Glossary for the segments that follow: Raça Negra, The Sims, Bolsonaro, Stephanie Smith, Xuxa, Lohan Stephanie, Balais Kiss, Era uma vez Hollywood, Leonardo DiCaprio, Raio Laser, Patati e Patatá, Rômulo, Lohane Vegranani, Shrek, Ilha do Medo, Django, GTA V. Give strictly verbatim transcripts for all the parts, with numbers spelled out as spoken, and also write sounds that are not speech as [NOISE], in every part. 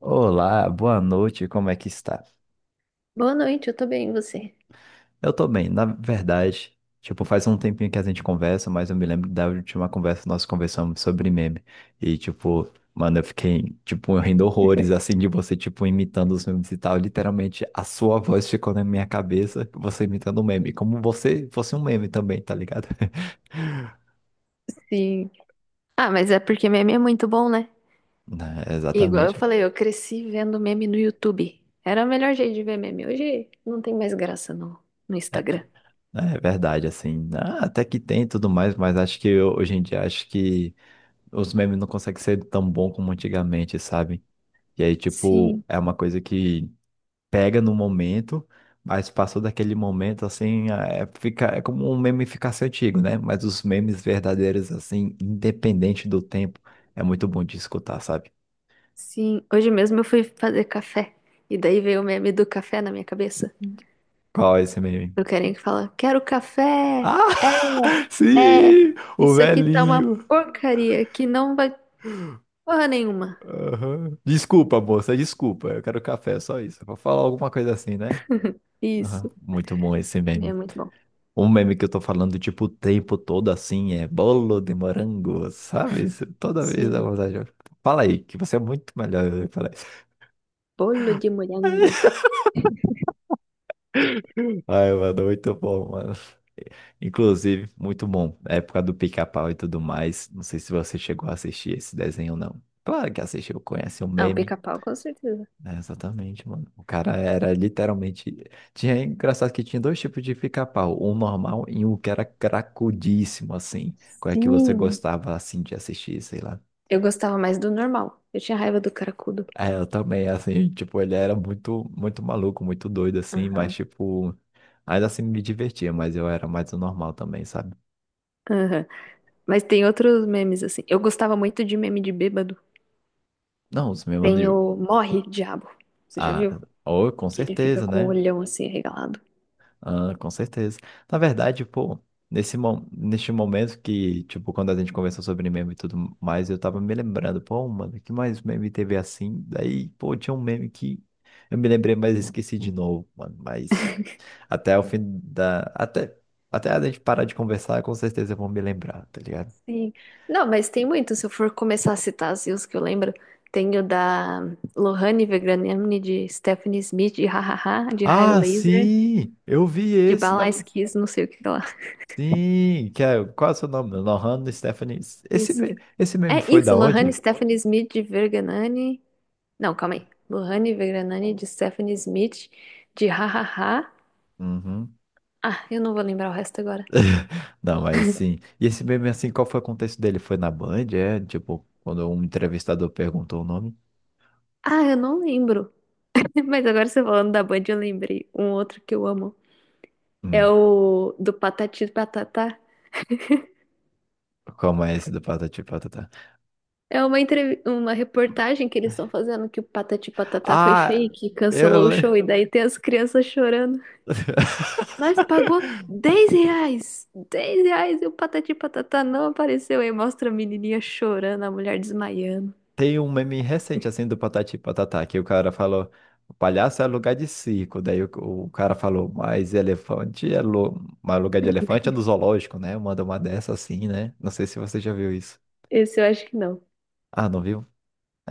Olá, boa noite, como é que está? Boa noite, eu tô bem, e você? Eu tô bem, na verdade, tipo, faz um tempinho que a gente conversa, mas eu me lembro da última conversa que nós conversamos sobre meme. E, tipo, mano, eu fiquei, tipo, rindo horrores, assim, de você, tipo, imitando os memes e tal. Literalmente, a sua voz ficou na minha cabeça, você imitando um meme, como você fosse um meme também, tá ligado? [LAUGHS] Sim. Ah, mas é porque meme é muito bom, né? É, Igual eu exatamente. falei, eu cresci vendo meme no YouTube. Era o melhor jeito de ver meme. Hoje não tem mais graça no, no Instagram. É verdade, assim, ah, até que tem e tudo mais, mas acho que eu- hoje em dia, acho que os memes não conseguem ser tão bom como antigamente, sabe? E aí, tipo, Sim, é uma coisa que pega no momento, mas passou daquele momento, assim, é, fica, é como um meme ficasse antigo, né? Mas os memes verdadeiros, assim, independente do tempo, é muito bom de escutar, sabe? sim. Hoje mesmo eu fui fazer café. E daí veio o meme do café na minha cabeça. Qual é esse meme? Do carinha que fala, quero café! Ah! [LAUGHS] É, é! Sim! O Isso aqui tá uma velhinho! porcaria que não vai porra nenhuma. Aham. Desculpa, moça, desculpa. Eu quero café, só isso. Vou falar alguma coisa assim, né? Aham. Isso. Muito bom esse É meme. muito bom. Um meme que eu tô falando, tipo, o tempo todo assim, é bolo de morango, sabe? Isso. Toda vez dá Sim. vontade de- Fala aí, que você é muito melhor. Eu falei, Bolo de morango. ai, mano, muito bom, mano. Inclusive, muito bom. É época do pica-pau e tudo mais. Não sei se você chegou a assistir esse desenho ou não. Claro que assistiu, conhece o Ah, o meme. pica-pau, com certeza. É, exatamente, mano. O cara era literalmente. Tinha É engraçado que tinha dois tipos de pica-pau, um normal e um que era cracudíssimo, assim. Qual é que você Sim, gostava assim de assistir, sei lá? eu gostava mais do normal. Eu tinha raiva do cracudo. É, eu também, assim, tipo, ele era muito, muito maluco, muito doido, assim, mas, Aham. tipo, ainda assim me divertia, mas eu era mais o normal também, sabe? Aham. Mas tem outros memes assim. Eu gostava muito de meme de bêbado. Não, os meus Tem amigos, o Morre, Diabo. Você já viu? ah, oh, com Que ele fica certeza, com o né? olhão assim arregalado. Ah, com certeza. Na verdade, pô, nesse, mo- neste momento que, tipo, quando a gente conversou sobre meme e tudo mais, eu tava me lembrando, pô, mano, que mais meme teve assim? Daí, pô, tinha um meme que eu me lembrei, mas esqueci de novo, mano, mas... Até o fim da. Até, até a gente parar de conversar, com certeza eu vou me lembrar, tá ligado? Sim. Não, mas tem muito. Se eu for começar a citar assim, os que eu lembro, tem o da Lohane Vegraniani, de Stephanie Smith, de Hahaha, de Raio Ah, Laser, sim! Eu vi de esse na. Balais Kiss, não sei o que lá. Sim! Que é... Qual é o seu nome? Lohan Stephanie. Esse, Isso. me- esse meme É foi isso, da Lohane, onde? Stephanie Smith, de Verganani. Não, calma aí. Lohane Vegranani de Stephanie Smith de Hahaha. Uhum. Ah, eu não vou lembrar o resto agora. [LAUGHS] Não, mas sim. E esse meme, assim, qual foi o contexto dele? Foi na Band? É, tipo, quando um entrevistador perguntou o nome? Ah, eu não lembro. [LAUGHS] Mas agora você falando da Band, eu lembrei. Um outro que eu amo. É Hum. o do Patati e Patatá. Como é esse do Patati e Patatá? É uma, entrev... uma reportagem que eles estão fazendo que o Patati e Patatá foi Ah, fake, cancelou eu o show, e lembro. daí tem as crianças chorando. [LAUGHS] Nós pagou dez reais! Dez reais e o Patati e Patatá não apareceu. Aí mostra a menininha chorando, a mulher desmaiando. Tem um meme recente, assim, do Patati e Patatá, que o cara falou, o palhaço é lugar de circo. Daí o, o cara falou, mas elefante é lu- mas lugar de elefante é do [LAUGHS] zoológico, né? Manda uma dessa assim, né? Não sei se você já viu isso. Esse eu acho que não. Ah, não viu?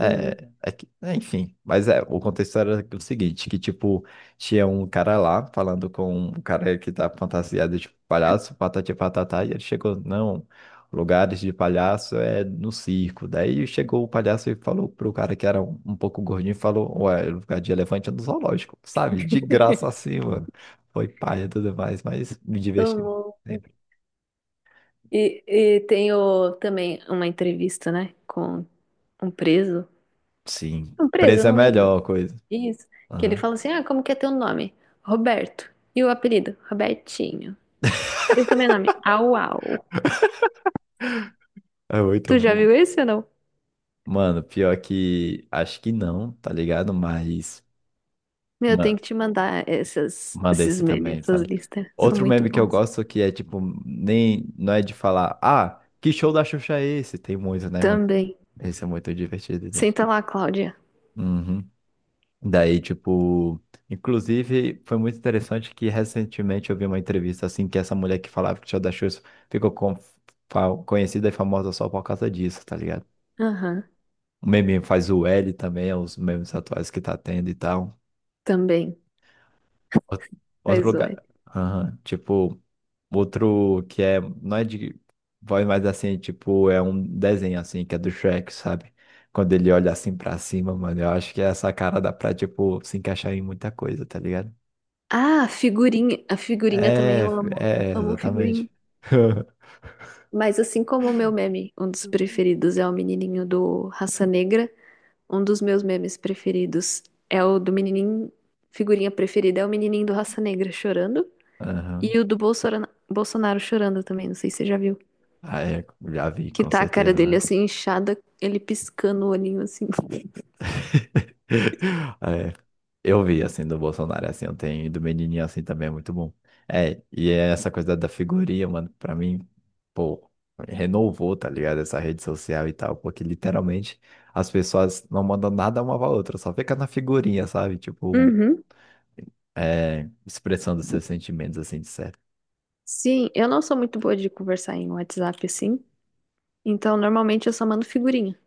Não, é que- é, enfim, mas é, o contexto era o seguinte, que tipo, tinha um cara lá falando com um cara que tá fantasiado de palhaço, patati e patatá, e ele chegou, não, lugares de palhaço é no circo. Daí chegou o palhaço e falou pro cara que era um, um pouco gordinho, falou, ué, é lugar de elefante é no zoológico, sabe? De graça assim, mano. Foi paia e tudo mais, mas me divertiu tomou. sempre. E, e tem o- também uma entrevista, né, com um preso. Sim, Um preso, eu preço é a não lembro. melhor coisa. Isso. Que ele Aham. fala assim: Ah, como que é teu nome? Roberto. E o apelido? Robertinho. E o sobrenome? Au Au. É muito Tu já bom. viu esse ou não? Mano, pior que acho que não, tá ligado? Mas Meu, eu tenho ma- que te mandar essas, manda esses esse memes, também, essas sabe? listas. São Outro muito meme que eu bons. gosto que é tipo, nem não é de falar, ah, que show da Xuxa é esse? Tem muito, né, mano? Também. Esse é muito divertido, né? Senta lá, Cláudia. Uhum. Daí, tipo, inclusive foi muito interessante que recentemente eu vi uma entrevista assim que essa mulher que falava que o show da Xuxa ficou com- fa- conhecida e famosa só por causa disso, tá ligado? Aham, O meme faz o L também, é os memes atuais que tá tendo e tal. também. Ou- Outro Faz o. lugar. Aham. Tipo, outro que é. Não é de voz, mas assim, tipo, é um desenho assim, que é do Shrek, sabe? Quando ele olha assim pra cima, mano, eu acho que essa cara dá pra, tipo, se encaixar em muita coisa, tá ligado? Ah, figurinha. A figurinha também É, eu amo. é, Amo figurinha. exatamente. [LAUGHS] Mas assim como o meu meme, um dos preferidos é o menininho do Raça Negra, um dos meus memes preferidos é o do menininho, figurinha preferida é o menininho do Raça Negra chorando Aham. e o do Bolsora- Bolsonaro chorando também, não sei se você já viu, Ah, é, já vi, que com tá a cara certeza, dele né? assim inchada, ele piscando o olhinho assim. [LAUGHS] É, eu vi assim do Bolsonaro, assim, eu tenho e do menininho assim também é muito bom. É, e é essa coisa da figurinha, mano, pra mim, pô, renovou, tá ligado? Essa rede social e tal, porque literalmente as pessoas não mandam nada uma pra outra, só fica na figurinha, sabe? Tipo, Uhum. é, expressando seus sentimentos assim, de certo. Sim, eu não sou muito boa de conversar em WhatsApp assim, então normalmente eu só mando figurinha.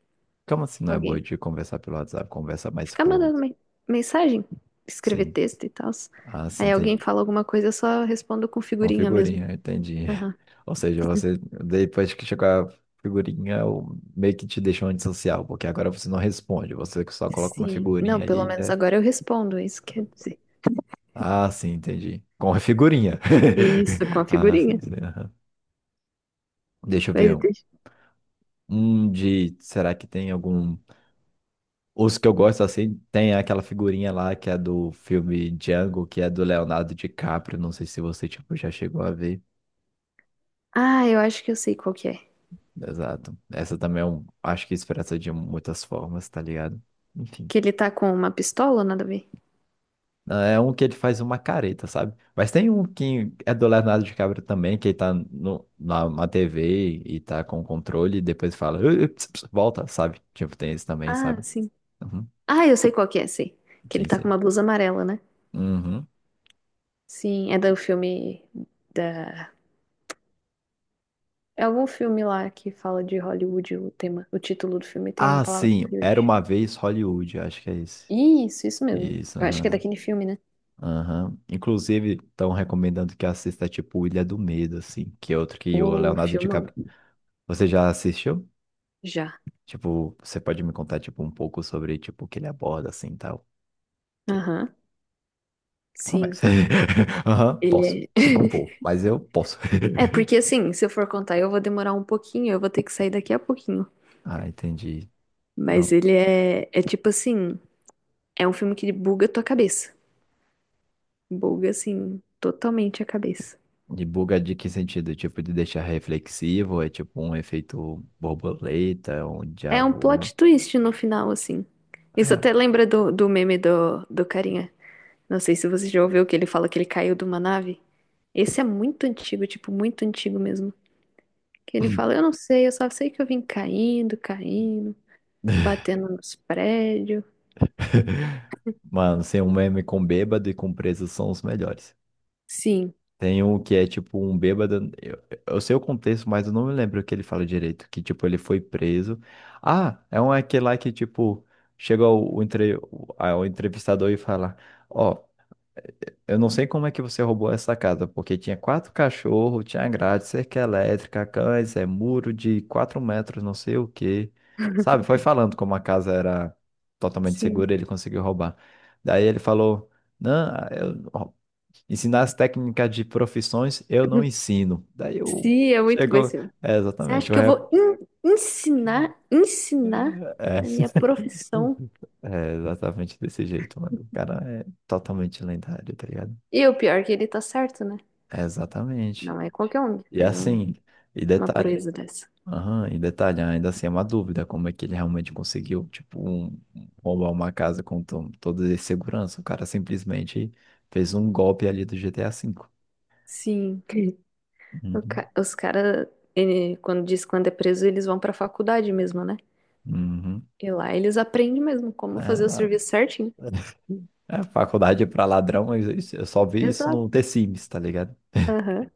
Como assim não é boa Ok. de conversar pelo WhatsApp? Conversa mais, Ficar pô, mandando men- mensagem, escrever sim. texto e tal. Ah, sim, Aí alguém entendi. fala alguma coisa, eu só respondo com Com figurinha mesmo. figurinha, entendi. Aham. [LAUGHS] Ou seja, você, depois que chegou a figurinha, o- meio que te deixou antissocial, porque agora você não responde, você só coloca uma Sim. Não, figurinha pelo ali, menos né? agora eu respondo, é isso quer dizer. Ah, sim, entendi. Com a figurinha. [LAUGHS] Isso, com a Ah, sim, figurinha. sim. Aham. Deixa eu ver. Mas Um deixa. Um de. Será que tem algum. Os que eu gosto assim, tem aquela figurinha lá que é do filme Django, que é do Leonardo DiCaprio. Não sei se você, tipo, já chegou a ver. Ah, eu acho que eu sei qual que é. Exato. Essa também é um, acho que expressa de muitas formas, tá ligado? Enfim. Que ele tá com uma pistola, nada a ver. Ah, é um que ele faz uma careta, sabe? Mas tem um que é do Leonardo DiCaprio também, que ele tá no, na, na T V e tá com o controle e depois fala, ui, ps, ps", volta, sabe? Tipo, tem esse também, Ah, sabe? sim. Uhum. Ah, eu sei qual que é, sei. Que ele Sim, tá com sim. uma blusa amarela, né? Uhum. Sim, é do filme da... É algum filme lá que fala de Hollywood, o tema, o título do filme tem a Ah, palavra sim. Era Hollywood. uma vez Hollywood, acho que é esse. Isso, isso mesmo. Isso, Eu acho que é aham. daquele filme, né? Aham. Inclusive, estão recomendando que assista, tipo, Ilha do Medo, assim, que é outro que o O Leonardo filmão. DiCaprio. Você já assistiu? Já. Tipo, você pode me contar, tipo, um pouco sobre, tipo, o que ele aborda, assim, e tal? Você Aham. Sim. começa. [LAUGHS] Aham, posso. Ele é. Não vou, [LAUGHS] mas eu posso. [LAUGHS] É, porque assim, se eu for contar, eu vou demorar um pouquinho, eu vou ter que sair daqui a pouquinho. Ah, entendi. Não. Mas ele é. É tipo assim. É um filme que ele buga a tua cabeça. Buga, assim, totalmente a cabeça. De buga de que sentido? Tipo, de deixar reflexivo? É tipo um efeito borboleta, um déjà É um vu? plot twist no final, assim. Isso Ah. até lembra do, do meme do, do carinha. Não sei se você já ouviu que ele fala que ele caiu de uma nave. Esse é muito antigo, tipo, muito antigo mesmo. Que ele fala, eu não sei, eu só sei que eu vim caindo, caindo, batendo nos prédios. [LAUGHS] Mano, sem um meme com bêbado e com preso são os melhores. Sim, Tem um que é tipo um bêbado. Eu, eu sei o contexto, mas eu não me lembro o que ele fala direito. Que tipo, ele foi preso. Ah, é um aquele lá que tipo, chega o, o, entre, o, a- o entrevistador e fala: Ó, eu não sei como é que você roubou essa casa, porque tinha quatro cachorros, tinha grade, cerca elétrica, cães, é muro de quatro metros, não sei o quê. Sabe, foi falando como a casa era totalmente sim. segura, ele conseguiu roubar. Daí ele falou, não, eu, ó, ensinar as técnicas de profissões eu não [LAUGHS] ensino. Daí eu, Sim, é muito bom esse chegou, filme. é Você acha exatamente, o que eu rep... vou en- ensinar, ensinar é, a minha profissão? [LAUGHS] é exatamente desse jeito, mano. O cara é totalmente lendário, tá ligado? E o pior é que ele tá certo, né? É exatamente. Não é qualquer um que E é faz um- assim, e uma detalhe, proeza dessa. aham, e detalhe, ainda assim é uma dúvida como é que ele realmente conseguiu, tipo, um, um- roubar uma casa com to- toda a segurança. O cara simplesmente fez um golpe ali do G T A cinco. Sim. [LAUGHS] O Uhum. ca- os caras, quando diz quando é preso, eles vão pra faculdade mesmo, né? Uhum. E lá eles aprendem mesmo como É, fazer o lá- serviço certinho. [LAUGHS] é, faculdade pra ladrão, eu eu só vi isso no The Exato. Sims, tá ligado? Aham.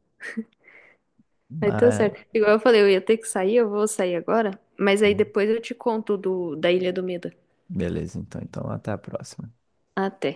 Vai tudo Mas, certo. Igual eu falei, eu ia ter que sair, eu vou sair agora, mas aí hum, depois eu te conto do, da Ilha do Medo. beleza, então, então até a próxima. Até.